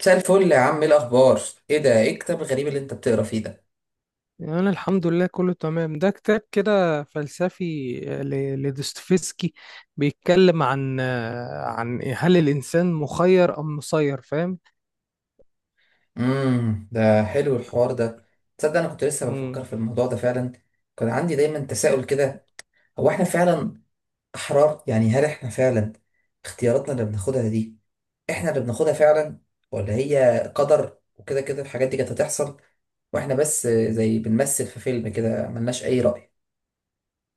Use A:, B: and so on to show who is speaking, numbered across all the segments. A: مساء الفل يا عم، ايه الاخبار؟ ايه ده؟ ايه الكتاب الغريب اللي انت بتقرا فيه ده؟
B: أنا الحمد لله، كله تمام. ده كتاب كده فلسفي، لدوستويفسكي. بيتكلم عن عن هل الإنسان مخير أم مسير، فاهم؟
A: ده حلو الحوار ده. تصدق انا كنت لسه
B: مم.
A: بفكر في الموضوع ده فعلا. كان عندي دايما تساؤل كده، هو احنا فعلا احرار؟ يعني هل احنا فعلا اختياراتنا اللي بناخدها دي احنا اللي بناخدها فعلا، ولا هي قدر وكده كده الحاجات دي كانت هتحصل واحنا بس زي بنمثل في فيلم كده ملناش اي رأي؟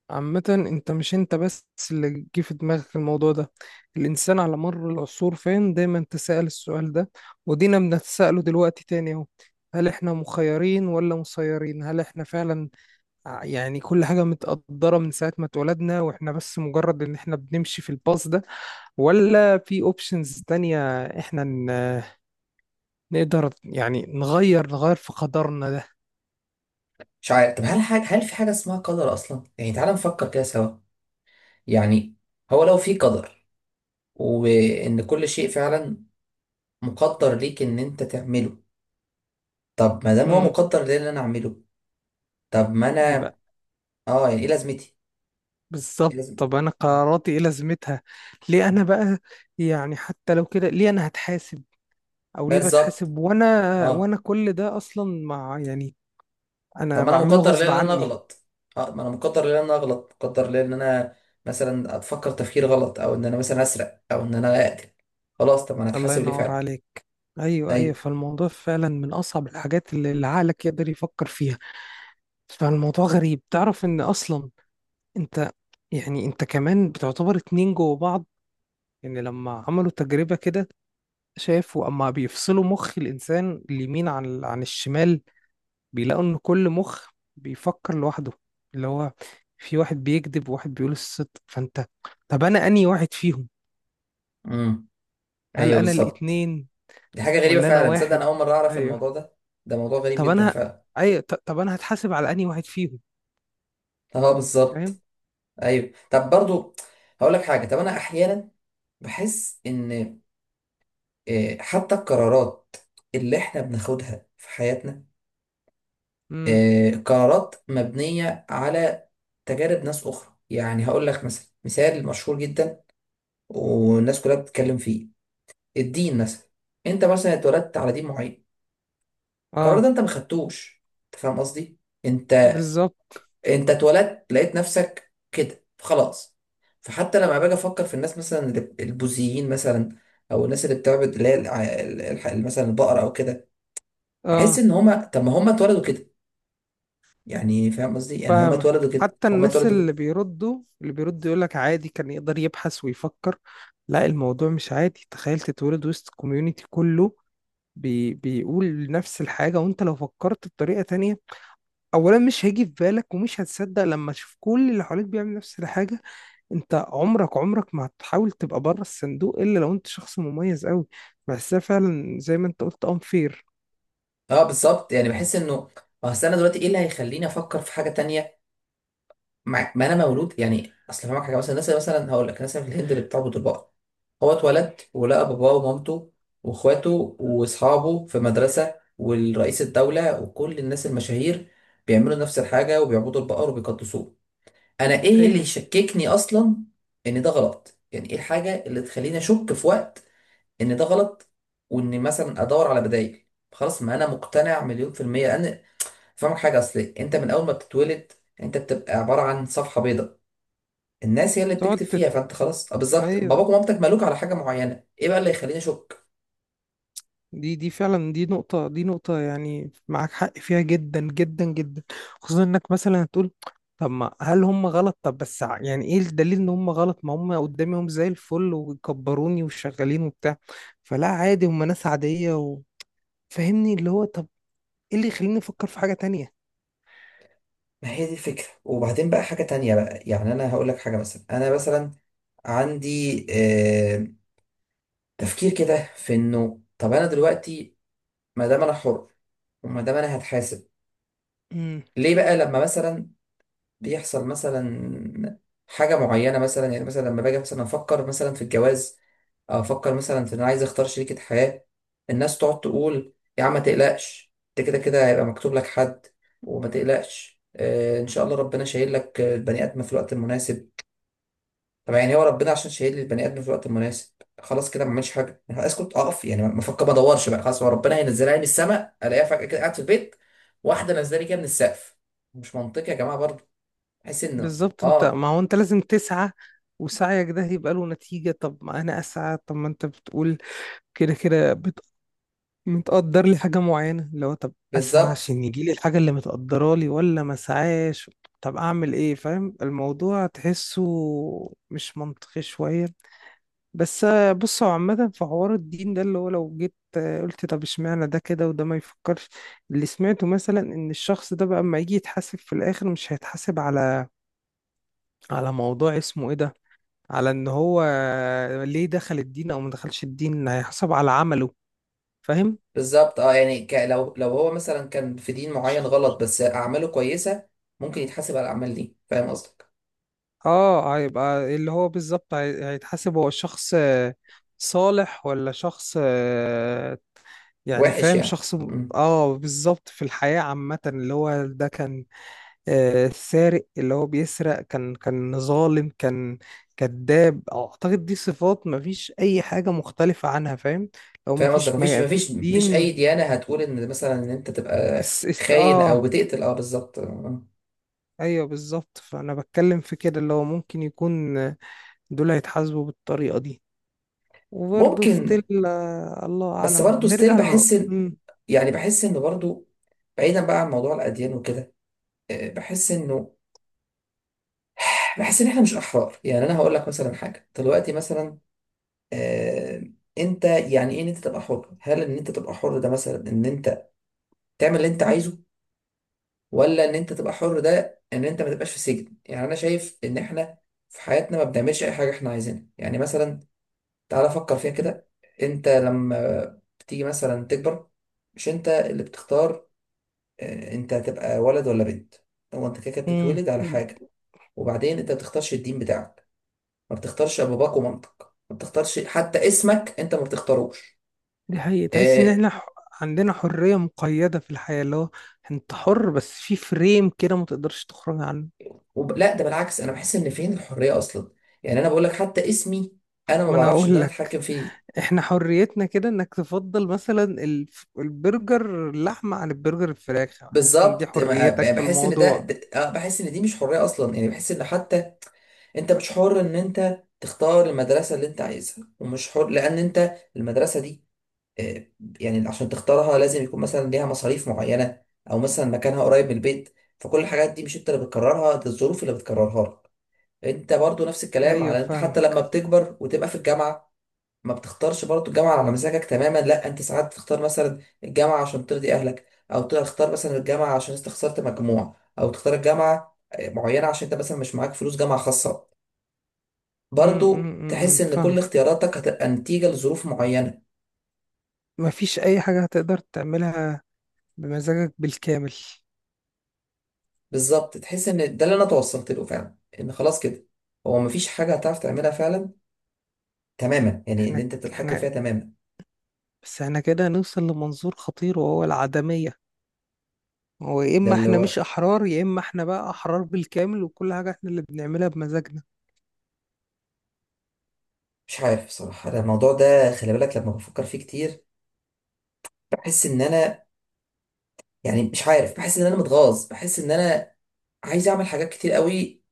B: عامة، أنت مش أنت بس اللي جه في دماغك الموضوع ده. الإنسان على مر العصور، فاهم، دايما تسأل السؤال ده، ودينا بنتسأله دلوقتي تاني أهو. هل إحنا مخيرين ولا مسيرين؟ هل إحنا فعلا يعني كل حاجة متقدرة من ساعة ما اتولدنا، واحنا بس مجرد ان احنا بنمشي في الباص ده؟ ولا في اوبشنز تانية؟ احنا نقدر يعني نغير في قدرنا ده؟
A: مش عارف. طب هل في حاجة اسمها قدر اصلا؟ يعني تعال نفكر كده سوا. يعني هو لو في قدر وان كل شيء فعلا مقدر ليك ان انت تعمله، طب ما دام هو
B: امم.
A: مقدر ليه ان انا اعمله، طب ما انا،
B: يبقى
A: اه يعني ايه لازمتي؟ ايه
B: بالظبط.
A: لازم؟
B: طب انا قراراتي ايه لازمتها؟ ليه انا بقى، يعني حتى لو كده، ليه انا هتحاسب او ليه
A: بالظبط.
B: بتحاسب وانا،
A: اه،
B: كل ده اصلا، مع يعني
A: طب
B: انا
A: ما انا
B: بعمله
A: مقدر ليه
B: غصب
A: ان انا
B: عني.
A: اغلط. اه، ما انا مقدر ليه ان انا اغلط، مقدر ليه ان انا مثلا اتفكر تفكير غلط، او ان انا مثلا اسرق، او ان انا اقتل. خلاص، طب ما انا
B: الله
A: اتحاسب ليه
B: ينور
A: فعلا؟
B: عليك. ايوه، ايوه،
A: ايوه.
B: فالموضوع فعلا من اصعب الحاجات اللي عقلك يقدر يفكر فيها. فالموضوع غريب. تعرف ان اصلا انت يعني انت كمان بتعتبر اتنين جوه بعض. يعني لما عملوا تجربة كده، شافوا اما بيفصلوا مخ الانسان اليمين عن الشمال، بيلاقوا ان كل مخ بيفكر لوحده. اللي هو في واحد بيكذب وواحد بيقول الصدق، فانت طب انا انهي واحد فيهم؟
A: امم،
B: هل
A: ايوه
B: انا
A: بالظبط.
B: الاتنين
A: دي حاجه غريبه
B: ولا انا
A: فعلا، تصدق انا
B: واحد؟
A: اول مره اعرف
B: ايوه.
A: الموضوع ده. ده موضوع غريب
B: طب
A: جدا
B: انا،
A: فعلا.
B: طب انا هتحاسب على انهي واحد فيهم؟
A: اه بالظبط.
B: فاهم؟
A: ايوه. طب برضو هقول لك حاجه، طب انا احيانا بحس ان، حتى القرارات اللي احنا بناخدها في حياتنا،
B: امم،
A: قرارات مبنيه على تجارب ناس اخرى. يعني هقول لك مثلا مثال مشهور جدا والناس كلها بتتكلم فيه، الدين مثلا. انت مثلا اتولدت على دين معين، القرار ده
B: اه
A: انت ما خدتوش. انت فاهم قصدي؟ انت
B: بالظبط،
A: انت اتولدت لقيت نفسك كده خلاص. فحتى لما باجي افكر في الناس، مثلا البوذيين مثلا، او الناس اللي بتعبد اللي هي مثلا البقره او كده، بحس
B: اه
A: ان هما، طب ما هما اتولدوا كده. يعني فاهم قصدي، يعني هما
B: فاهمك.
A: اتولدوا كده،
B: حتى
A: هما
B: الناس
A: اتولدوا كده.
B: اللي بيردوا يقولك عادي، كان يقدر يبحث ويفكر. لا، الموضوع مش عادي. تخيل تتولد وسط كوميونتي كله بيقول نفس الحاجة، وانت لو فكرت بطريقة تانية، اولا مش هيجي في بالك، ومش هتصدق لما تشوف كل اللي حواليك بيعمل نفس الحاجة. انت عمرك عمرك ما هتحاول تبقى بره الصندوق الا لو انت شخص مميز قوي. بحسها فعلا زي ما انت قلت unfair.
A: اه بالظبط، يعني بحس انه، اصل انا دلوقتي ايه اللي هيخليني افكر في حاجه تانية؟ ما انا مولود، يعني اصل فاهمك حاجه، مثلا الناس اللي مثلا هقول لك، الناس اللي في الهند اللي بتعبد البقر، هو اتولد ولقى باباه ومامته واخواته واصحابه في مدرسه والرئيس الدوله وكل الناس المشاهير بيعملوا نفس الحاجه وبيعبدوا البقر وبيقدسوه. انا ايه اللي
B: ايوه
A: يشككني اصلا ان ده غلط؟ يعني ايه الحاجه اللي تخليني اشك في وقت ان ده غلط، وان مثلا ادور على بدائل؟ خلاص، ما انا مقتنع 1000000%. لان فاهمك حاجه، اصل انت من اول ما بتتولد، يعني انت بتبقى عباره عن صفحه بيضاء، الناس هي اللي
B: تقعد
A: بتكتب
B: تت...
A: فيها. فانت خلاص، بالظبط، باباك
B: ايوه،
A: ومامتك مالوك على حاجه معينه، ايه بقى اللي يخليني اشك؟
B: دي فعلا، دي نقطة يعني معاك حق فيها جدا جدا جدا. خصوصا انك مثلا هتقول طب ما هل هم غلط؟ طب بس يعني ايه الدليل ان هم غلط؟ ما هم قدامهم زي الفل وكبروني وشغالين وبتاع، فلا عادي، هم ناس عادية. وفهمني اللي هو طب ايه اللي يخليني افكر في حاجة
A: ما هي دي الفكره. وبعدين بقى حاجه تانية بقى، يعني انا هقول لك حاجه مثلا، انا مثلا عندي آه تفكير كده في انه، طب انا دلوقتي ما دام انا حر، وما دام انا هتحاسب،
B: تانية؟
A: ليه بقى لما مثلا بيحصل مثلا حاجة معينة؟ مثلا يعني مثلا لما باجي مثلا أفكر مثلا في الجواز، أو أفكر مثلا في إن أنا عايز أختار شريكة حياة، الناس تقعد تقول يا عم ما تقلقش، أنت كده كده هيبقى مكتوب لك حد، وما تقلقش، إن شاء الله ربنا شايل لك، البني آدم في الوقت المناسب. طب يعني هو ربنا عشان شايل لي البني آدم في الوقت المناسب، خلاص كده ما اعملش حاجة؟ يعني أسكت، أقف، يعني ما أفكر، ما أدورش بقى، خلاص هو ربنا هينزلها لي من السماء، ألاقيها فجأة كده قاعد في البيت، واحدة نازلة لي كده من السقف؟ مش منطقي يا جماعة برضه. بحيث انه،
B: بالظبط. انت، ما هو انت لازم تسعى، وسعيك ده هيبقى له نتيجة. طب ما انا اسعى، طب ما انت بتقول كده كده متقدر لي حاجة معينة. اللي هو طب اسعى
A: بالظبط.
B: عشان يجي لي الحاجة اللي متقدرة لي، ولا ما اسعاش؟ طب اعمل ايه؟ فاهم الموضوع تحسه مش منطقي شوية. بس بص، هو عامة في حوار الدين ده اللي هو لو جيت قلت طب اشمعنى ده كده وده ما يفكرش؟ اللي سمعته مثلا ان الشخص ده بقى اما يجي يتحاسب في الاخر، مش هيتحاسب على موضوع اسمه ايه ده، على ان هو ليه دخل الدين او ما دخلش الدين. هيحسب على عمله. فاهم؟
A: بالظبط، يعني لو هو مثلا كان في دين معين
B: شخ-
A: غلط بس اعماله كويسه، ممكن يتحاسب على الاعمال دي. فاهم قصدك.
B: اه هيبقى اللي هو بالظبط هيتحاسب. هو شخص صالح ولا شخص يعني
A: وحش،
B: فاهم؟
A: يعني
B: شخص
A: مم.
B: بالظبط في الحياة عامة. اللي هو ده كان سارق، اللي هو بيسرق، كان ظالم، كان كذاب. اعتقد دي صفات مفيش اي حاجة مختلفة عنها، فاهم؟ لو
A: فاهم قصدك،
B: مفيش
A: مفيش
B: في
A: مفيش مفيش اي
B: الدين.
A: ديانه هتقول ان مثلا ان انت تبقى
B: الس- الس-
A: خاين او
B: اه
A: بتقتل. اه بالظبط. آه.
B: ايوه بالظبط. فانا بتكلم في كده اللي هو ممكن يكون دول هيتحاسبوا بالطريقه دي، وبرضه
A: ممكن.
B: ستيل الله
A: بس
B: اعلم.
A: برضه ستيل
B: بنرجع ل
A: بحس ان، يعني بحس انه برضه، بعيدا بقى عن موضوع الاديان وكده، آه، بحس انه بحس ان احنا مش احرار. يعني انا هقول لك مثلا حاجه دلوقتي، مثلا آه، انت يعني ايه ان انت تبقى حر؟ هل ان انت تبقى حر ده مثلا ان انت تعمل اللي انت عايزه، ولا ان انت تبقى حر ده ان انت ما تبقاش في سجن؟ يعني انا شايف ان احنا في حياتنا ما بنعملش اي حاجه احنا عايزينها. يعني مثلا تعالى فكر فيها كده، انت لما بتيجي مثلا تكبر، مش انت اللي بتختار انت هتبقى ولد ولا بنت، هو انت كده كده
B: مم،
A: بتتولد على حاجه. وبعدين انت ما بتختارش الدين بتاعك، ما بتختارش اباباك ومامتك، ما بتختارش حتى اسمك، انت ما بتختاروش.
B: دي حقيقة. تحس ان
A: آه،
B: احنا عندنا حريه مقيده في الحياه. اللي هو انت حر بس في فريم كده، ما تقدرش تخرج عنه.
A: لا ده بالعكس، انا بحس ان فين الحريه اصلا؟ يعني انا بقول لك، حتى اسمي انا ما
B: ما انا
A: بعرفش ان
B: هقول
A: انا
B: لك،
A: اتحكم فيه.
B: احنا حريتنا كده انك تفضل مثلا البرجر اللحمه عن البرجر الفراخ. حاسس ان دي
A: بالظبط،
B: حريتك في
A: بحس ان
B: الموضوع؟
A: بحس ان دي مش حريه اصلا. يعني بحس ان حتى انت مش حر ان انت تختار المدرسه اللي انت عايزها، ومش حر لان انت المدرسه دي، آه، يعني عشان تختارها لازم يكون مثلا ليها مصاريف معينه، او مثلا مكانها قريب من البيت، فكل الحاجات دي مش انت اللي بتكررها، ده الظروف اللي بتكررها لك. انت برضو نفس الكلام،
B: ايوه
A: على انت حتى لما
B: فاهمك.
A: بتكبر وتبقى في الجامعه، ما بتختارش برضه الجامعة على مزاجك تماما، لا انت ساعات تختار مثلا الجامعة عشان ترضي اهلك، او تختار مثلا الجامعة عشان انت خسرت مجموع، او تختار الجامعة معينة عشان انت مثلا مش معاك فلوس جامعة خاصة.
B: امم،
A: برضه
B: امم،
A: تحس ان كل
B: فاهمك.
A: اختياراتك هتبقى نتيجة لظروف معينة.
B: مفيش أي حاجة هتقدر تعملها بمزاجك بالكامل.
A: بالظبط، تحس ان ده اللي انا توصلت له فعلا، ان خلاص كده هو مفيش حاجة هتعرف تعملها فعلا تماما، يعني اللي
B: احنا
A: انت بتتحكم
B: احنا
A: فيها تماما.
B: بس احنا كده هنوصل لمنظور خطير، وهو العدمية. هو يا
A: ده
B: إما
A: اللي
B: احنا
A: هو،
B: مش أحرار، يا إما احنا بقى أحرار بالكامل وكل حاجة احنا اللي بنعملها بمزاجنا.
A: مش عارف بصراحة، أنا الموضوع ده خلي بالك لما بفكر فيه كتير بحس ان انا، يعني مش عارف، بحس ان انا متغاظ، بحس ان انا عايز اعمل حاجات كتير قوي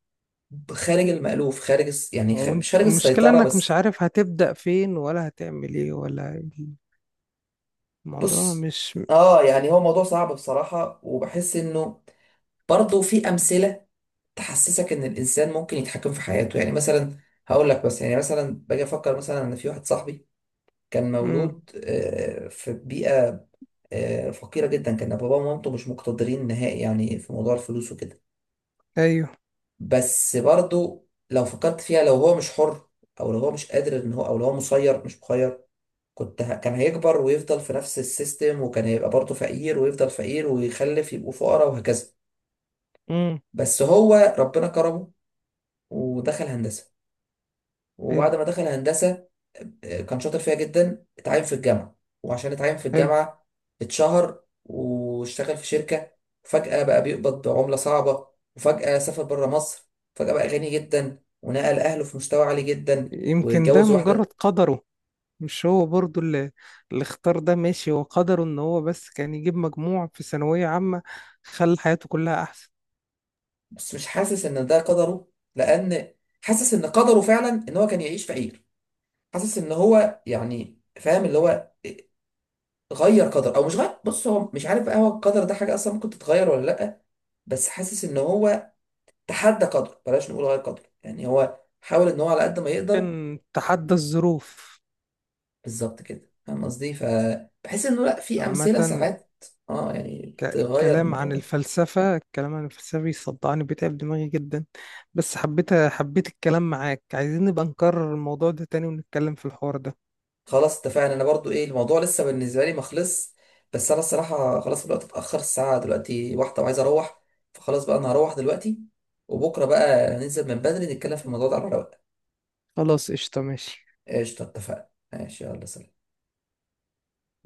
A: خارج المألوف، خارج يعني مش
B: وانت
A: خارج
B: المشكلة
A: السيطرة
B: انك مش
A: بس.
B: عارف هتبدأ فين ولا هتعمل ايه ولا. الموضوع
A: بص،
B: مش.
A: اه يعني هو موضوع صعب بصراحة، وبحس انه برضه في امثلة تحسسك ان الانسان ممكن يتحكم في حياته. يعني مثلا هقول لك، بس يعني مثلا باجي افكر مثلا ان في واحد صاحبي كان
B: مم.
A: مولود في بيئة فقيرة جدا، كان باباه ومامته مش مقتدرين نهائي يعني في موضوع الفلوس وكده.
B: ايوه.
A: بس برضو لو فكرت فيها، لو هو مش حر، او لو هو مش قادر ان هو، او لو هو مسير مش مخير، كان هيكبر ويفضل في نفس السيستم، وكان هيبقى برضه فقير ويفضل فقير ويخلف يبقوا فقراء وهكذا.
B: مم.
A: بس هو ربنا كرمه ودخل هندسة،
B: حلو.
A: وبعد ما دخل هندسة كان شاطر فيها جدا، اتعين في الجامعة، وعشان اتعين في
B: حلو.
A: الجامعة اتشهر واشتغل في شركة، وفجأة بقى بيقبض بعملة صعبة، وفجأة سافر بره مصر، فجأة بقى غني جدا ونقل أهله في مستوى عالي جدا،
B: يمكن ده
A: واتجوز
B: مجرد
A: واحدة.
B: قدره. مش هو برضو اللي اختار ده ماشي؟ هو قدره ان هو بس كان يجيب مجموع في ثانوية عامة، خلى حياته كلها احسن.
A: بس مش حاسس إن ده قدره، لأن حاسس إن قدره فعلا إن هو كان يعيش فقير. حاسس إن هو، يعني فاهم اللي هو، غير قدر أو مش غير، بص هو مش عارف بقى، هو القدر ده حاجة أصلا ممكن تتغير ولا لأ؟ بس حاسس إن هو تحدى قدره، بلاش نقول غير قدره، يعني هو حاول ان هو على قد ما يقدر.
B: كان تحدى الظروف.
A: بالظبط كده، فاهم قصدي. فبحس انه لا، في
B: عامة،
A: امثله ساعات اه يعني تغير
B: الكلام
A: الموضوع
B: عن
A: ده.
B: الفلسفة، الكلام عن الفلسفة بيصدعني، بيتعب دماغي جدا. بس حبيت الكلام معاك. عايزين نبقى نكرر الموضوع ده تاني ونتكلم في الحوار ده.
A: خلاص اتفقنا. انا برضو ايه، الموضوع لسه بالنسبه لي ما خلص، بس انا الصراحه خلاص الوقت اتاخر، الساعه دلوقتي 1، وعايز اروح، فخلاص بقى انا هروح دلوقتي، وبكره بقى ننزل من بدري نتكلم في الموضوع ده على رواق.
B: خلاص، قشطة، ماشي.
A: قشطه، اتفقنا، ماشي، يلا سلام.